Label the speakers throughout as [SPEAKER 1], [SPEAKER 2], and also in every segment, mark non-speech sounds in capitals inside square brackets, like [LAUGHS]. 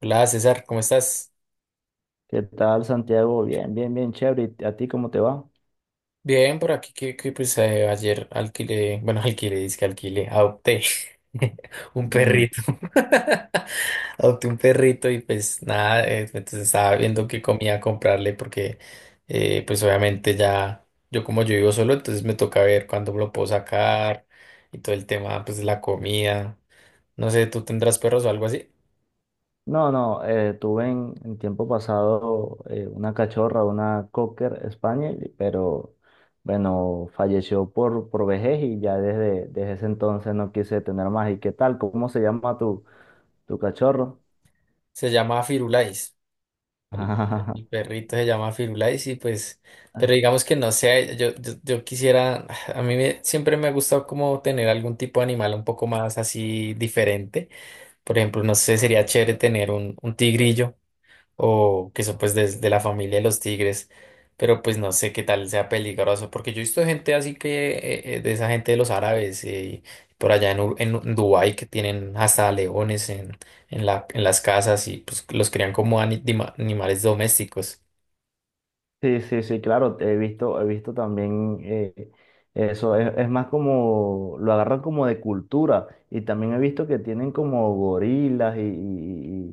[SPEAKER 1] Hola César, ¿cómo estás?
[SPEAKER 2] ¿Qué tal, Santiago? Bien, bien, bien, chévere. ¿Y a ti cómo te va?
[SPEAKER 1] Bien, por aquí que ayer alquilé, bueno, [LAUGHS] alquilé, dizque alquilé, adopté [LAUGHS] un
[SPEAKER 2] Mm.
[SPEAKER 1] perrito. [LAUGHS] Adopté un perrito y pues nada, entonces estaba viendo qué comía comprarle porque pues obviamente ya, yo como yo vivo solo, entonces me toca ver cuándo lo puedo sacar y todo el tema pues de la comida. No sé, ¿tú tendrás perros o algo así?
[SPEAKER 2] No, no, tuve en tiempo pasado una cachorra, una Cocker Spaniel, pero bueno, falleció por vejez y ya desde ese entonces no quise tener más. ¿Y qué tal? ¿Cómo se llama tu cachorro?
[SPEAKER 1] Se llama Firulais. El, el
[SPEAKER 2] [LAUGHS]
[SPEAKER 1] perrito se llama Firulais y pues, pero digamos que no sé, yo quisiera, [SIGHS] a mí me- siempre me ha gustado como tener algún tipo de animal un poco más así diferente. Por ejemplo, no sé, sería chévere tener un tigrillo o que son pues de la familia de los tigres, pero pues no sé qué tal sea peligroso, porque yo he visto gente así que, de esa gente de los árabes, por allá en, en Dubái que tienen hasta leones en, en las casas y pues los crían como ani- dima- animales domésticos.
[SPEAKER 2] Sí, sí, sí, claro, he visto también eso, es más como, lo agarran como de cultura y también he visto que tienen como gorilas y, y-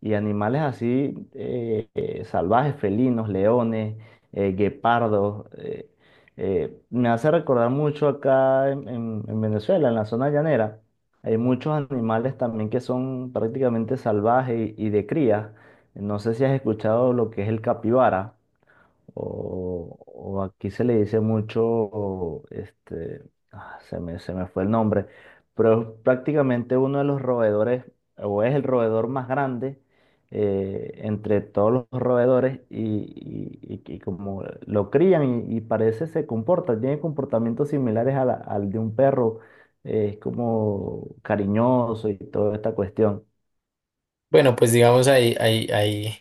[SPEAKER 2] y- y animales así salvajes, felinos, leones, guepardos. Me hace recordar mucho acá en Venezuela, en la zona llanera, hay muchos animales también que son prácticamente salvajes y de cría. No sé si has escuchado lo que es el capibara. O aquí se le dice mucho, este, ah, se me fue el nombre, pero es prácticamente uno de los roedores, o es el roedor más grande entre todos los roedores y como lo crían y parece se comporta, tiene comportamientos similares a la- al de un perro, es como cariñoso y toda esta cuestión.
[SPEAKER 1] Bueno, pues digamos ahí, ahí, ahí,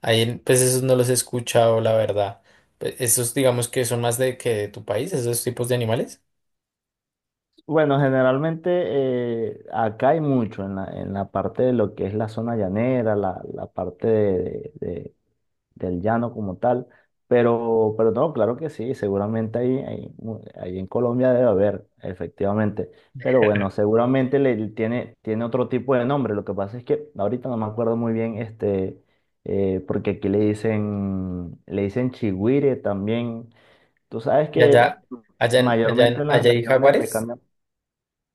[SPEAKER 1] ahí, en- pues esos no los he escuchado, la verdad. Pe- Esos digamos que son más de que de tu país, esos tipos de animales.
[SPEAKER 2] Bueno, generalmente acá hay mucho en la parte de lo que es la zona llanera, la parte de- del llano como tal, pero no, claro que sí, seguramente mu- ahí en Colombia debe haber, efectivamente, pero bueno, seguramente le, tiene, tiene otro tipo de nombre, lo que pasa es que ahorita no me acuerdo muy bien, este, porque aquí le dicen chigüire también, tú sabes
[SPEAKER 1] Y
[SPEAKER 2] que
[SPEAKER 1] allá,
[SPEAKER 2] mayormente en las
[SPEAKER 1] allá hay
[SPEAKER 2] regiones le
[SPEAKER 1] jaguares.
[SPEAKER 2] cambian.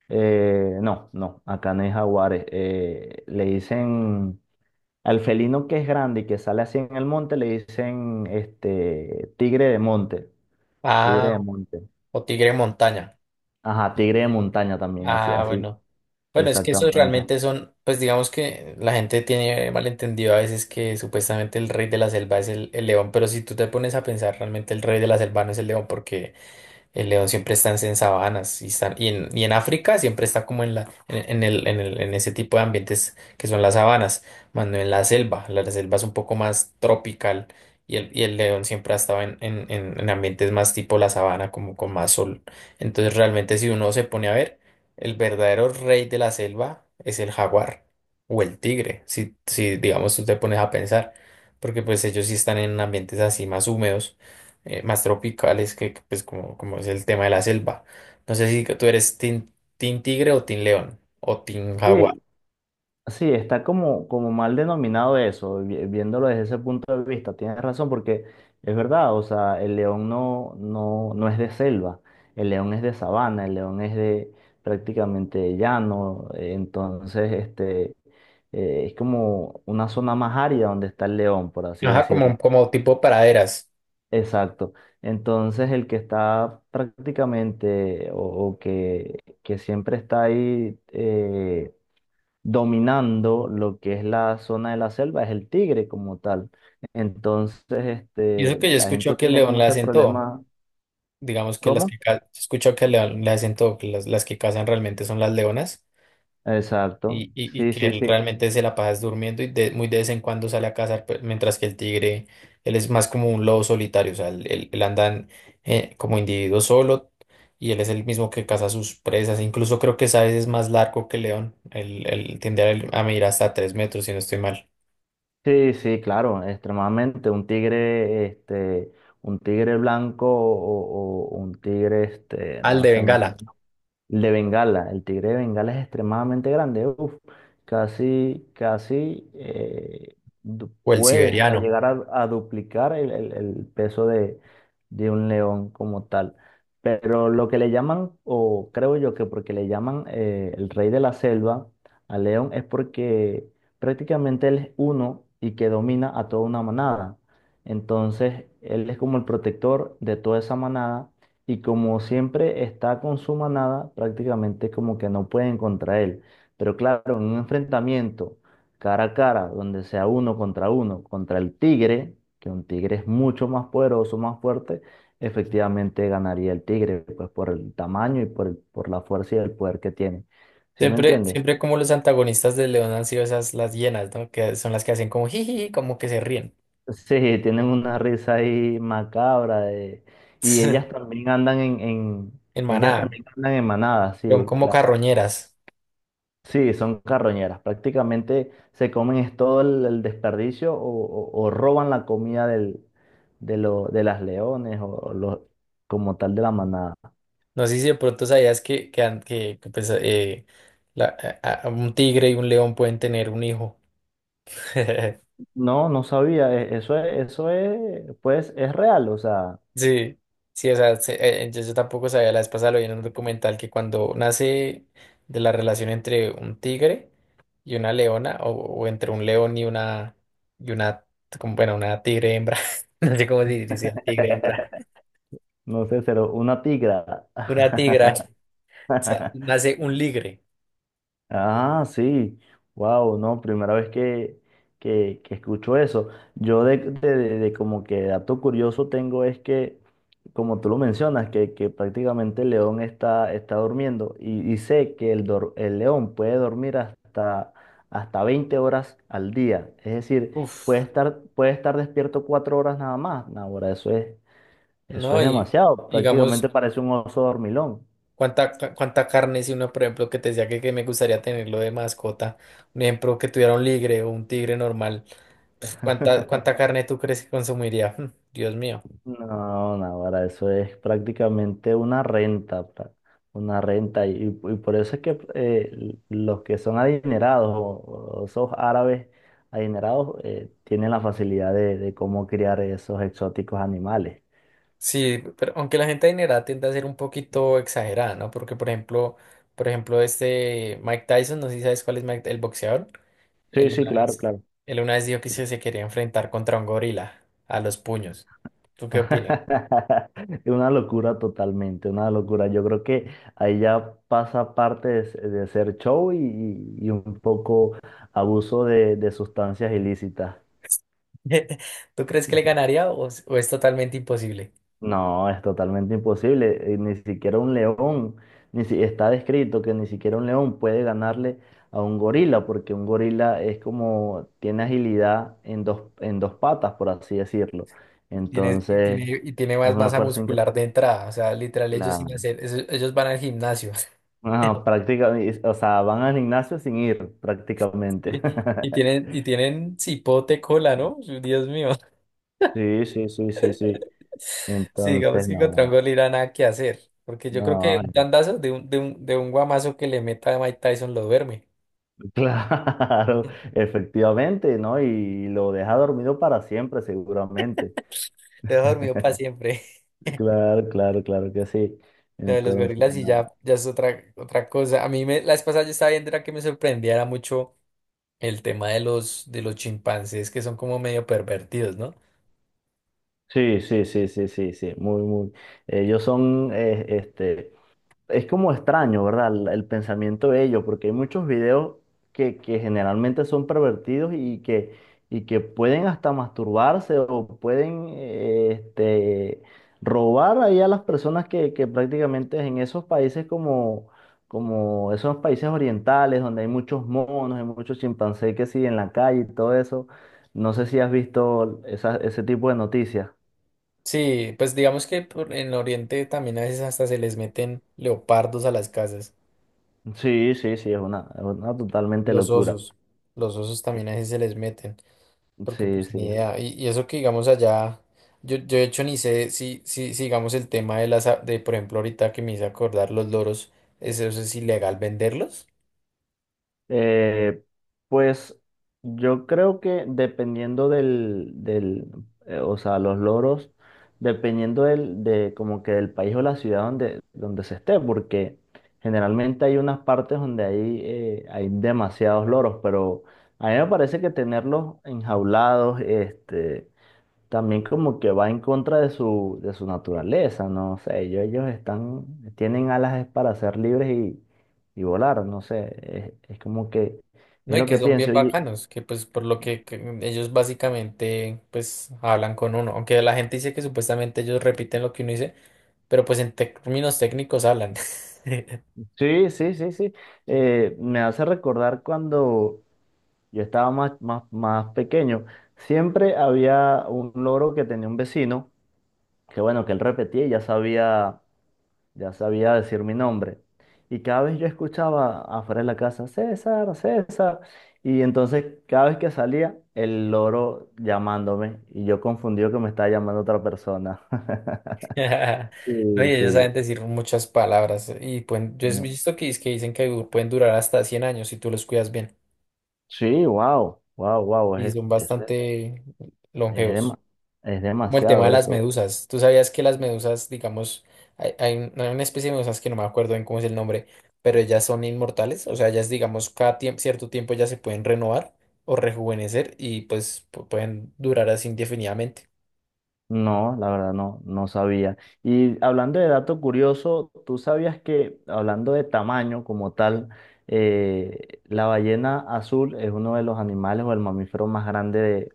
[SPEAKER 2] No, no, acá no hay jaguares. Le dicen al felino que es grande y que sale así en el monte, le dicen este tigre de monte,
[SPEAKER 1] Ah.
[SPEAKER 2] tigre de monte.
[SPEAKER 1] O tigre montaña.
[SPEAKER 2] Ajá, tigre de montaña también, así,
[SPEAKER 1] Ah,
[SPEAKER 2] así,
[SPEAKER 1] bueno. Bueno, es que esos
[SPEAKER 2] exactamente.
[SPEAKER 1] realmente son, pues digamos que la gente tiene malentendido a veces que supuestamente el rey de la selva es el león, pero si tú te pones a pensar, realmente el rey de la selva no es el león porque el león siempre está en sabanas y, está- y en África siempre está como en, la, en el, en el- en ese tipo de ambientes que son las sabanas, más no en la selva. La selva es un poco más tropical y el león siempre ha estado en ambientes más tipo la sabana, como con más sol. Entonces realmente si uno se pone a ver, el verdadero rey de la selva es el jaguar o el tigre, si digamos tú te pones a pensar, porque pues ellos sí están en ambientes así más húmedos más tropicales, pues como, como es el tema de la selva. No sé si tú eres team tigre o team león o team jaguar.
[SPEAKER 2] Sí, sí, está como, como mal denominado eso, vi- viéndolo desde ese punto de vista. Tienes razón, porque es verdad, o sea, el león no, no, no es de selva, el león es de sabana, el león es de prácticamente llano, entonces este, es como una zona más árida donde está el león, por así
[SPEAKER 1] Ajá,
[SPEAKER 2] decirlo.
[SPEAKER 1] como, como tipo praderas.
[SPEAKER 2] Exacto. Entonces el que está prácticamente o que siempre está ahí, dominando lo que es la zona de la selva, es el tigre como tal. Entonces,
[SPEAKER 1] Y eso
[SPEAKER 2] este,
[SPEAKER 1] que yo
[SPEAKER 2] la gente
[SPEAKER 1] escucho que el
[SPEAKER 2] tiene
[SPEAKER 1] león
[SPEAKER 2] como
[SPEAKER 1] le
[SPEAKER 2] ese
[SPEAKER 1] hacen todo.
[SPEAKER 2] problema.
[SPEAKER 1] Digamos que las
[SPEAKER 2] ¿Cómo?
[SPEAKER 1] que ca- yo escucho que el león le hacen todo, que las que cazan realmente son las leonas. Y,
[SPEAKER 2] Exacto.
[SPEAKER 1] y, y
[SPEAKER 2] Sí,
[SPEAKER 1] que
[SPEAKER 2] sí,
[SPEAKER 1] él
[SPEAKER 2] sí.
[SPEAKER 1] realmente se la pasa es durmiendo y de- muy de vez en cuando sale a cazar, pe- mientras que el tigre, él es más como un lobo solitario, o sea, él anda en- como individuo solo y él es el mismo que caza sus presas. Incluso creo que Sáez es más largo que León, él tiende a medir hasta 3 metros, si no estoy mal.
[SPEAKER 2] Sí, sí, claro, extremadamente. Un tigre, este, un tigre blanco o un tigre, este,
[SPEAKER 1] Al
[SPEAKER 2] no
[SPEAKER 1] de
[SPEAKER 2] sé,
[SPEAKER 1] Bengala
[SPEAKER 2] el de Bengala, el tigre de Bengala es extremadamente grande, uf, casi, casi du-
[SPEAKER 1] o el
[SPEAKER 2] puede hasta
[SPEAKER 1] siberiano.
[SPEAKER 2] llegar a duplicar el peso de un león como tal. Pero lo que le llaman, o creo yo que porque le llaman el rey de la selva al león es porque prácticamente él es uno y que domina a toda una manada. Entonces, él es como el protector de toda esa manada y como siempre está con su manada, prácticamente como que no pueden contra él. Pero claro, en un enfrentamiento cara a cara, donde sea uno, contra el tigre, que un tigre es mucho más poderoso, más fuerte, efectivamente ganaría el tigre, pues por el tamaño y por, el- por la fuerza y el poder que tiene. ¿Sí me
[SPEAKER 1] Siempre,
[SPEAKER 2] entiendes?
[SPEAKER 1] siempre
[SPEAKER 2] [LAUGHS]
[SPEAKER 1] como los antagonistas de León han sido esas las hienas, ¿no? Que son las que hacen como jiji, como que se ríen
[SPEAKER 2] Sí, tienen una risa ahí macabra de- y ellas
[SPEAKER 1] [LAUGHS]
[SPEAKER 2] también andan
[SPEAKER 1] en
[SPEAKER 2] ellas
[SPEAKER 1] manada,
[SPEAKER 2] también andan en manadas,
[SPEAKER 1] son
[SPEAKER 2] sí,
[SPEAKER 1] como
[SPEAKER 2] claro.
[SPEAKER 1] carroñeras.
[SPEAKER 2] Sí, son carroñeras. Prácticamente se comen es todo el desperdicio o roban la comida del, de, lo- de las leones como tal de la manada.
[SPEAKER 1] No sé si de pronto sabías que, an- que, pues, la- a- un tigre y un león pueden tener un hijo. [LAUGHS]
[SPEAKER 2] No, no sabía. E- eso es, pues es real. O sea,
[SPEAKER 1] Sí, sí, o sea, se- yo, yo tampoco sabía, la vez pasada lo vi en un documental que cuando nace de la relación entre un tigre y una leona, o entre un león y una, como, bueno, una tigre hembra, [LAUGHS] no sé cómo se dice, tigre hembra,
[SPEAKER 2] [LAUGHS] no sé, pero una tigra.
[SPEAKER 1] una tigra, o sea,
[SPEAKER 2] [LAUGHS]
[SPEAKER 1] nace un ligre.
[SPEAKER 2] Ah, sí. Wow, no, primera vez que, que escucho eso. Yo de como que dato curioso tengo es que, como tú lo mencionas, que prácticamente el león está, está durmiendo y sé que el, dor- el león puede dormir hasta, hasta 20 horas al día. Es decir,
[SPEAKER 1] Uf,
[SPEAKER 2] puede estar despierto 4 horas nada más. No, ahora, eso
[SPEAKER 1] ¿no?
[SPEAKER 2] es
[SPEAKER 1] Y
[SPEAKER 2] demasiado.
[SPEAKER 1] digamos...
[SPEAKER 2] Prácticamente parece un oso dormilón.
[SPEAKER 1] ¿ cuánta carne si uno, por ejemplo, que te decía que me gustaría tenerlo de mascota? Un ejemplo, que tuviera un ligre o un tigre normal. Pf, cuánta
[SPEAKER 2] [LAUGHS]
[SPEAKER 1] carne tú crees que consumiría? [LAUGHS] Mm, Dios mío.
[SPEAKER 2] No, Navarra, eso es prácticamente una renta, pra- una renta. Y por eso es que l- los que son adinerados o esos árabes adinerados tienen la facilidad de cómo criar esos exóticos animales.
[SPEAKER 1] Sí, pero aunque la gente adinerada tiende a ser un poquito exagerada, ¿no? Porque, por ejemplo, este Mike Tyson, no sé si sabes cuál es Mike, el boxeador.
[SPEAKER 2] Sí,
[SPEAKER 1] Él
[SPEAKER 2] sí,
[SPEAKER 1] una
[SPEAKER 2] claro,
[SPEAKER 1] vez,
[SPEAKER 2] claro.
[SPEAKER 1] él una vez dijo que se quería enfrentar contra un gorila a los puños. ¿Tú qué opinas?
[SPEAKER 2] [LAUGHS] Una locura totalmente, una locura. Yo creo que ahí ya pasa parte de, s- de hacer show y un poco abuso de sustancias ilícitas.
[SPEAKER 1] [LAUGHS] ¿Tú crees que le ganaría o es totalmente imposible?
[SPEAKER 2] No, es totalmente imposible. Ni siquiera un león, ni si, está descrito que ni siquiera un león puede ganarle a un gorila, porque un gorila es como, tiene agilidad en dos patas, por así decirlo.
[SPEAKER 1] Tiene,
[SPEAKER 2] Entonces,
[SPEAKER 1] y tiene
[SPEAKER 2] es
[SPEAKER 1] más
[SPEAKER 2] una
[SPEAKER 1] masa
[SPEAKER 2] fuerza increíble.
[SPEAKER 1] muscular de entrada. O sea, literal, ellos sin
[SPEAKER 2] Claro.
[SPEAKER 1] hacer, eso- ellos van al gimnasio. [LAUGHS]
[SPEAKER 2] Ajá, prácticamente, o sea, van al gimnasio sin ir, prácticamente. [LAUGHS]
[SPEAKER 1] Y tienen cipote cola, ¿no? Dios mío. [LAUGHS]
[SPEAKER 2] Sí, sí, sí, sí, sí.
[SPEAKER 1] Sí, digamos
[SPEAKER 2] Entonces,
[SPEAKER 1] que
[SPEAKER 2] no,
[SPEAKER 1] contra un
[SPEAKER 2] no,
[SPEAKER 1] gorila nada que hacer. Porque yo creo que
[SPEAKER 2] no,
[SPEAKER 1] un tandazo de de un guamazo que le meta a Mike Tyson lo duerme.
[SPEAKER 2] claro,
[SPEAKER 1] [LAUGHS]
[SPEAKER 2] [LAUGHS] efectivamente, ¿no? Y lo deja dormido para siempre, seguramente.
[SPEAKER 1] Lo deja dormido para siempre.
[SPEAKER 2] Claro, claro, claro que sí.
[SPEAKER 1] [LAUGHS] Lo de los
[SPEAKER 2] Entonces,
[SPEAKER 1] gorilas y
[SPEAKER 2] no.
[SPEAKER 1] ya, ya es otra cosa. A mí me, la vez pasada yo estaba viendo era que me sorprendía era mucho el tema de de los chimpancés que son como medio pervertidos, ¿no?
[SPEAKER 2] Sí, sí, sí, sí, sí, sí, muy, muy. Ellos son, este, es como extraño, ¿verdad? El pensamiento de ellos, porque hay muchos videos que generalmente son pervertidos y que pueden hasta masturbarse o pueden este, robar ahí a las personas que prácticamente en esos países como, como esos países orientales, donde hay muchos monos, hay muchos chimpancés que siguen en la calle y todo eso. No sé si has visto esa- ese tipo de noticias.
[SPEAKER 1] Sí, pues digamos que por- en Oriente también a veces hasta se les meten leopardos a las casas,
[SPEAKER 2] Sí, sí, sí, es una totalmente
[SPEAKER 1] los
[SPEAKER 2] locura.
[SPEAKER 1] osos, los osos también a veces se les meten, porque
[SPEAKER 2] Sí,
[SPEAKER 1] pues
[SPEAKER 2] sí.
[SPEAKER 1] ni idea, y eso que digamos allá, yo de hecho ni sé si digamos el tema de las, a- de por ejemplo ahorita que me hice acordar los loros, eso es ilegal venderlos,
[SPEAKER 2] Eh, pues yo creo que dependiendo del, del o sea, los loros, dependiendo del, de como que del país o la ciudad donde, donde se esté, porque generalmente hay unas partes donde hay, hay demasiados loros, pero a mí me parece que tenerlos enjaulados, este, también como que va en contra de su naturaleza, no sé, ellos están, tienen alas es para ser libres y volar, no sé, es como que,
[SPEAKER 1] ¿no?
[SPEAKER 2] es
[SPEAKER 1] Y
[SPEAKER 2] lo
[SPEAKER 1] que
[SPEAKER 2] que
[SPEAKER 1] son bien
[SPEAKER 2] pienso.
[SPEAKER 1] bacanos, que pues por lo que ellos básicamente pues hablan con uno, aunque la gente dice que supuestamente ellos repiten lo que uno dice, pero pues en términos técnicos hablan. [LAUGHS]
[SPEAKER 2] Sí, sí, sí, sí, me hace recordar cuando yo estaba más, más, más pequeño, siempre había un loro que tenía un vecino, que bueno, que él repetía y ya sabía decir mi nombre. Y cada vez yo escuchaba afuera de la casa, César, César. Y entonces cada vez que salía, el loro llamándome. Y yo confundido que me estaba llamando otra persona. [LAUGHS]
[SPEAKER 1] [LAUGHS]
[SPEAKER 2] Sí,
[SPEAKER 1] Oye, ellos saben
[SPEAKER 2] sí.
[SPEAKER 1] decir muchas palabras y pueden, yo he
[SPEAKER 2] No.
[SPEAKER 1] visto que, es que dicen que du- pueden durar hasta 100 años si tú los cuidas bien
[SPEAKER 2] Sí, wow, wow, wow.
[SPEAKER 1] y son bastante
[SPEAKER 2] Es,
[SPEAKER 1] longevos.
[SPEAKER 2] dema- es
[SPEAKER 1] Como el tema
[SPEAKER 2] demasiado
[SPEAKER 1] de las
[SPEAKER 2] eso.
[SPEAKER 1] medusas. ¿Tú sabías que las medusas, digamos, hay una especie de medusas que no me acuerdo bien cómo es el nombre, pero ellas son inmortales? O sea, ellas, digamos, cada tiemp- cierto tiempo ya se pueden renovar o rejuvenecer y pues pu- pueden durar así indefinidamente.
[SPEAKER 2] No, la verdad no, no sabía. Y hablando de dato curioso, ¿tú sabías que, hablando de tamaño como tal, la ballena azul es uno de los animales o el mamífero más grande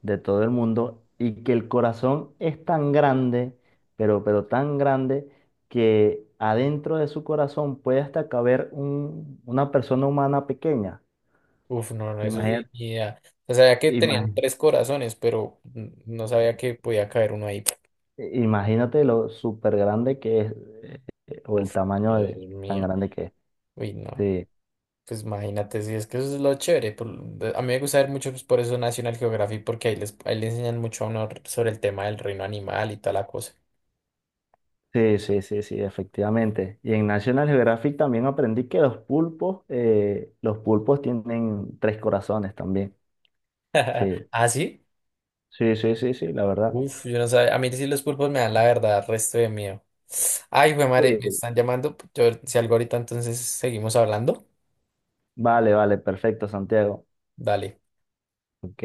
[SPEAKER 2] de todo el mundo y que el corazón es tan grande, pero tan grande, que adentro de su corazón puede hasta caber un- una persona humana pequeña?
[SPEAKER 1] Uf, no, no, eso sí,
[SPEAKER 2] Imagínate,
[SPEAKER 1] ni idea. O sea, sabía que tenían 3 corazones, pero n- no sabía que podía caer uno ahí.
[SPEAKER 2] imagínate lo súper grande que es. O el
[SPEAKER 1] Uf,
[SPEAKER 2] tamaño
[SPEAKER 1] Dios
[SPEAKER 2] de- tan
[SPEAKER 1] mío.
[SPEAKER 2] grande que es.
[SPEAKER 1] Uy, no.
[SPEAKER 2] Sí,
[SPEAKER 1] Pues imagínate, si es que eso es lo chévere. Por- de- a mí me gusta ver mucho, pues, por eso National Geographic, porque ahí les, ahí le enseñan mucho a uno r- sobre el tema del reino animal y toda la cosa.
[SPEAKER 2] sí, sí, sí, sí, efectivamente. Y en National Geographic también aprendí que los pulpos tienen 3 corazones también.
[SPEAKER 1] [LAUGHS]
[SPEAKER 2] Sí,
[SPEAKER 1] ¿Ah, sí?
[SPEAKER 2] sí, sí, sí, sí, la verdad.
[SPEAKER 1] Uf, yo no sabía. A mí sí los pulpos me dan la verdad, resto de miedo. Ay, güey, madre, me
[SPEAKER 2] Sí.
[SPEAKER 1] están llamando. Yo, si algo ahorita, entonces seguimos hablando.
[SPEAKER 2] Vale, vale, perfecto, Santiago.
[SPEAKER 1] Dale.
[SPEAKER 2] Ok.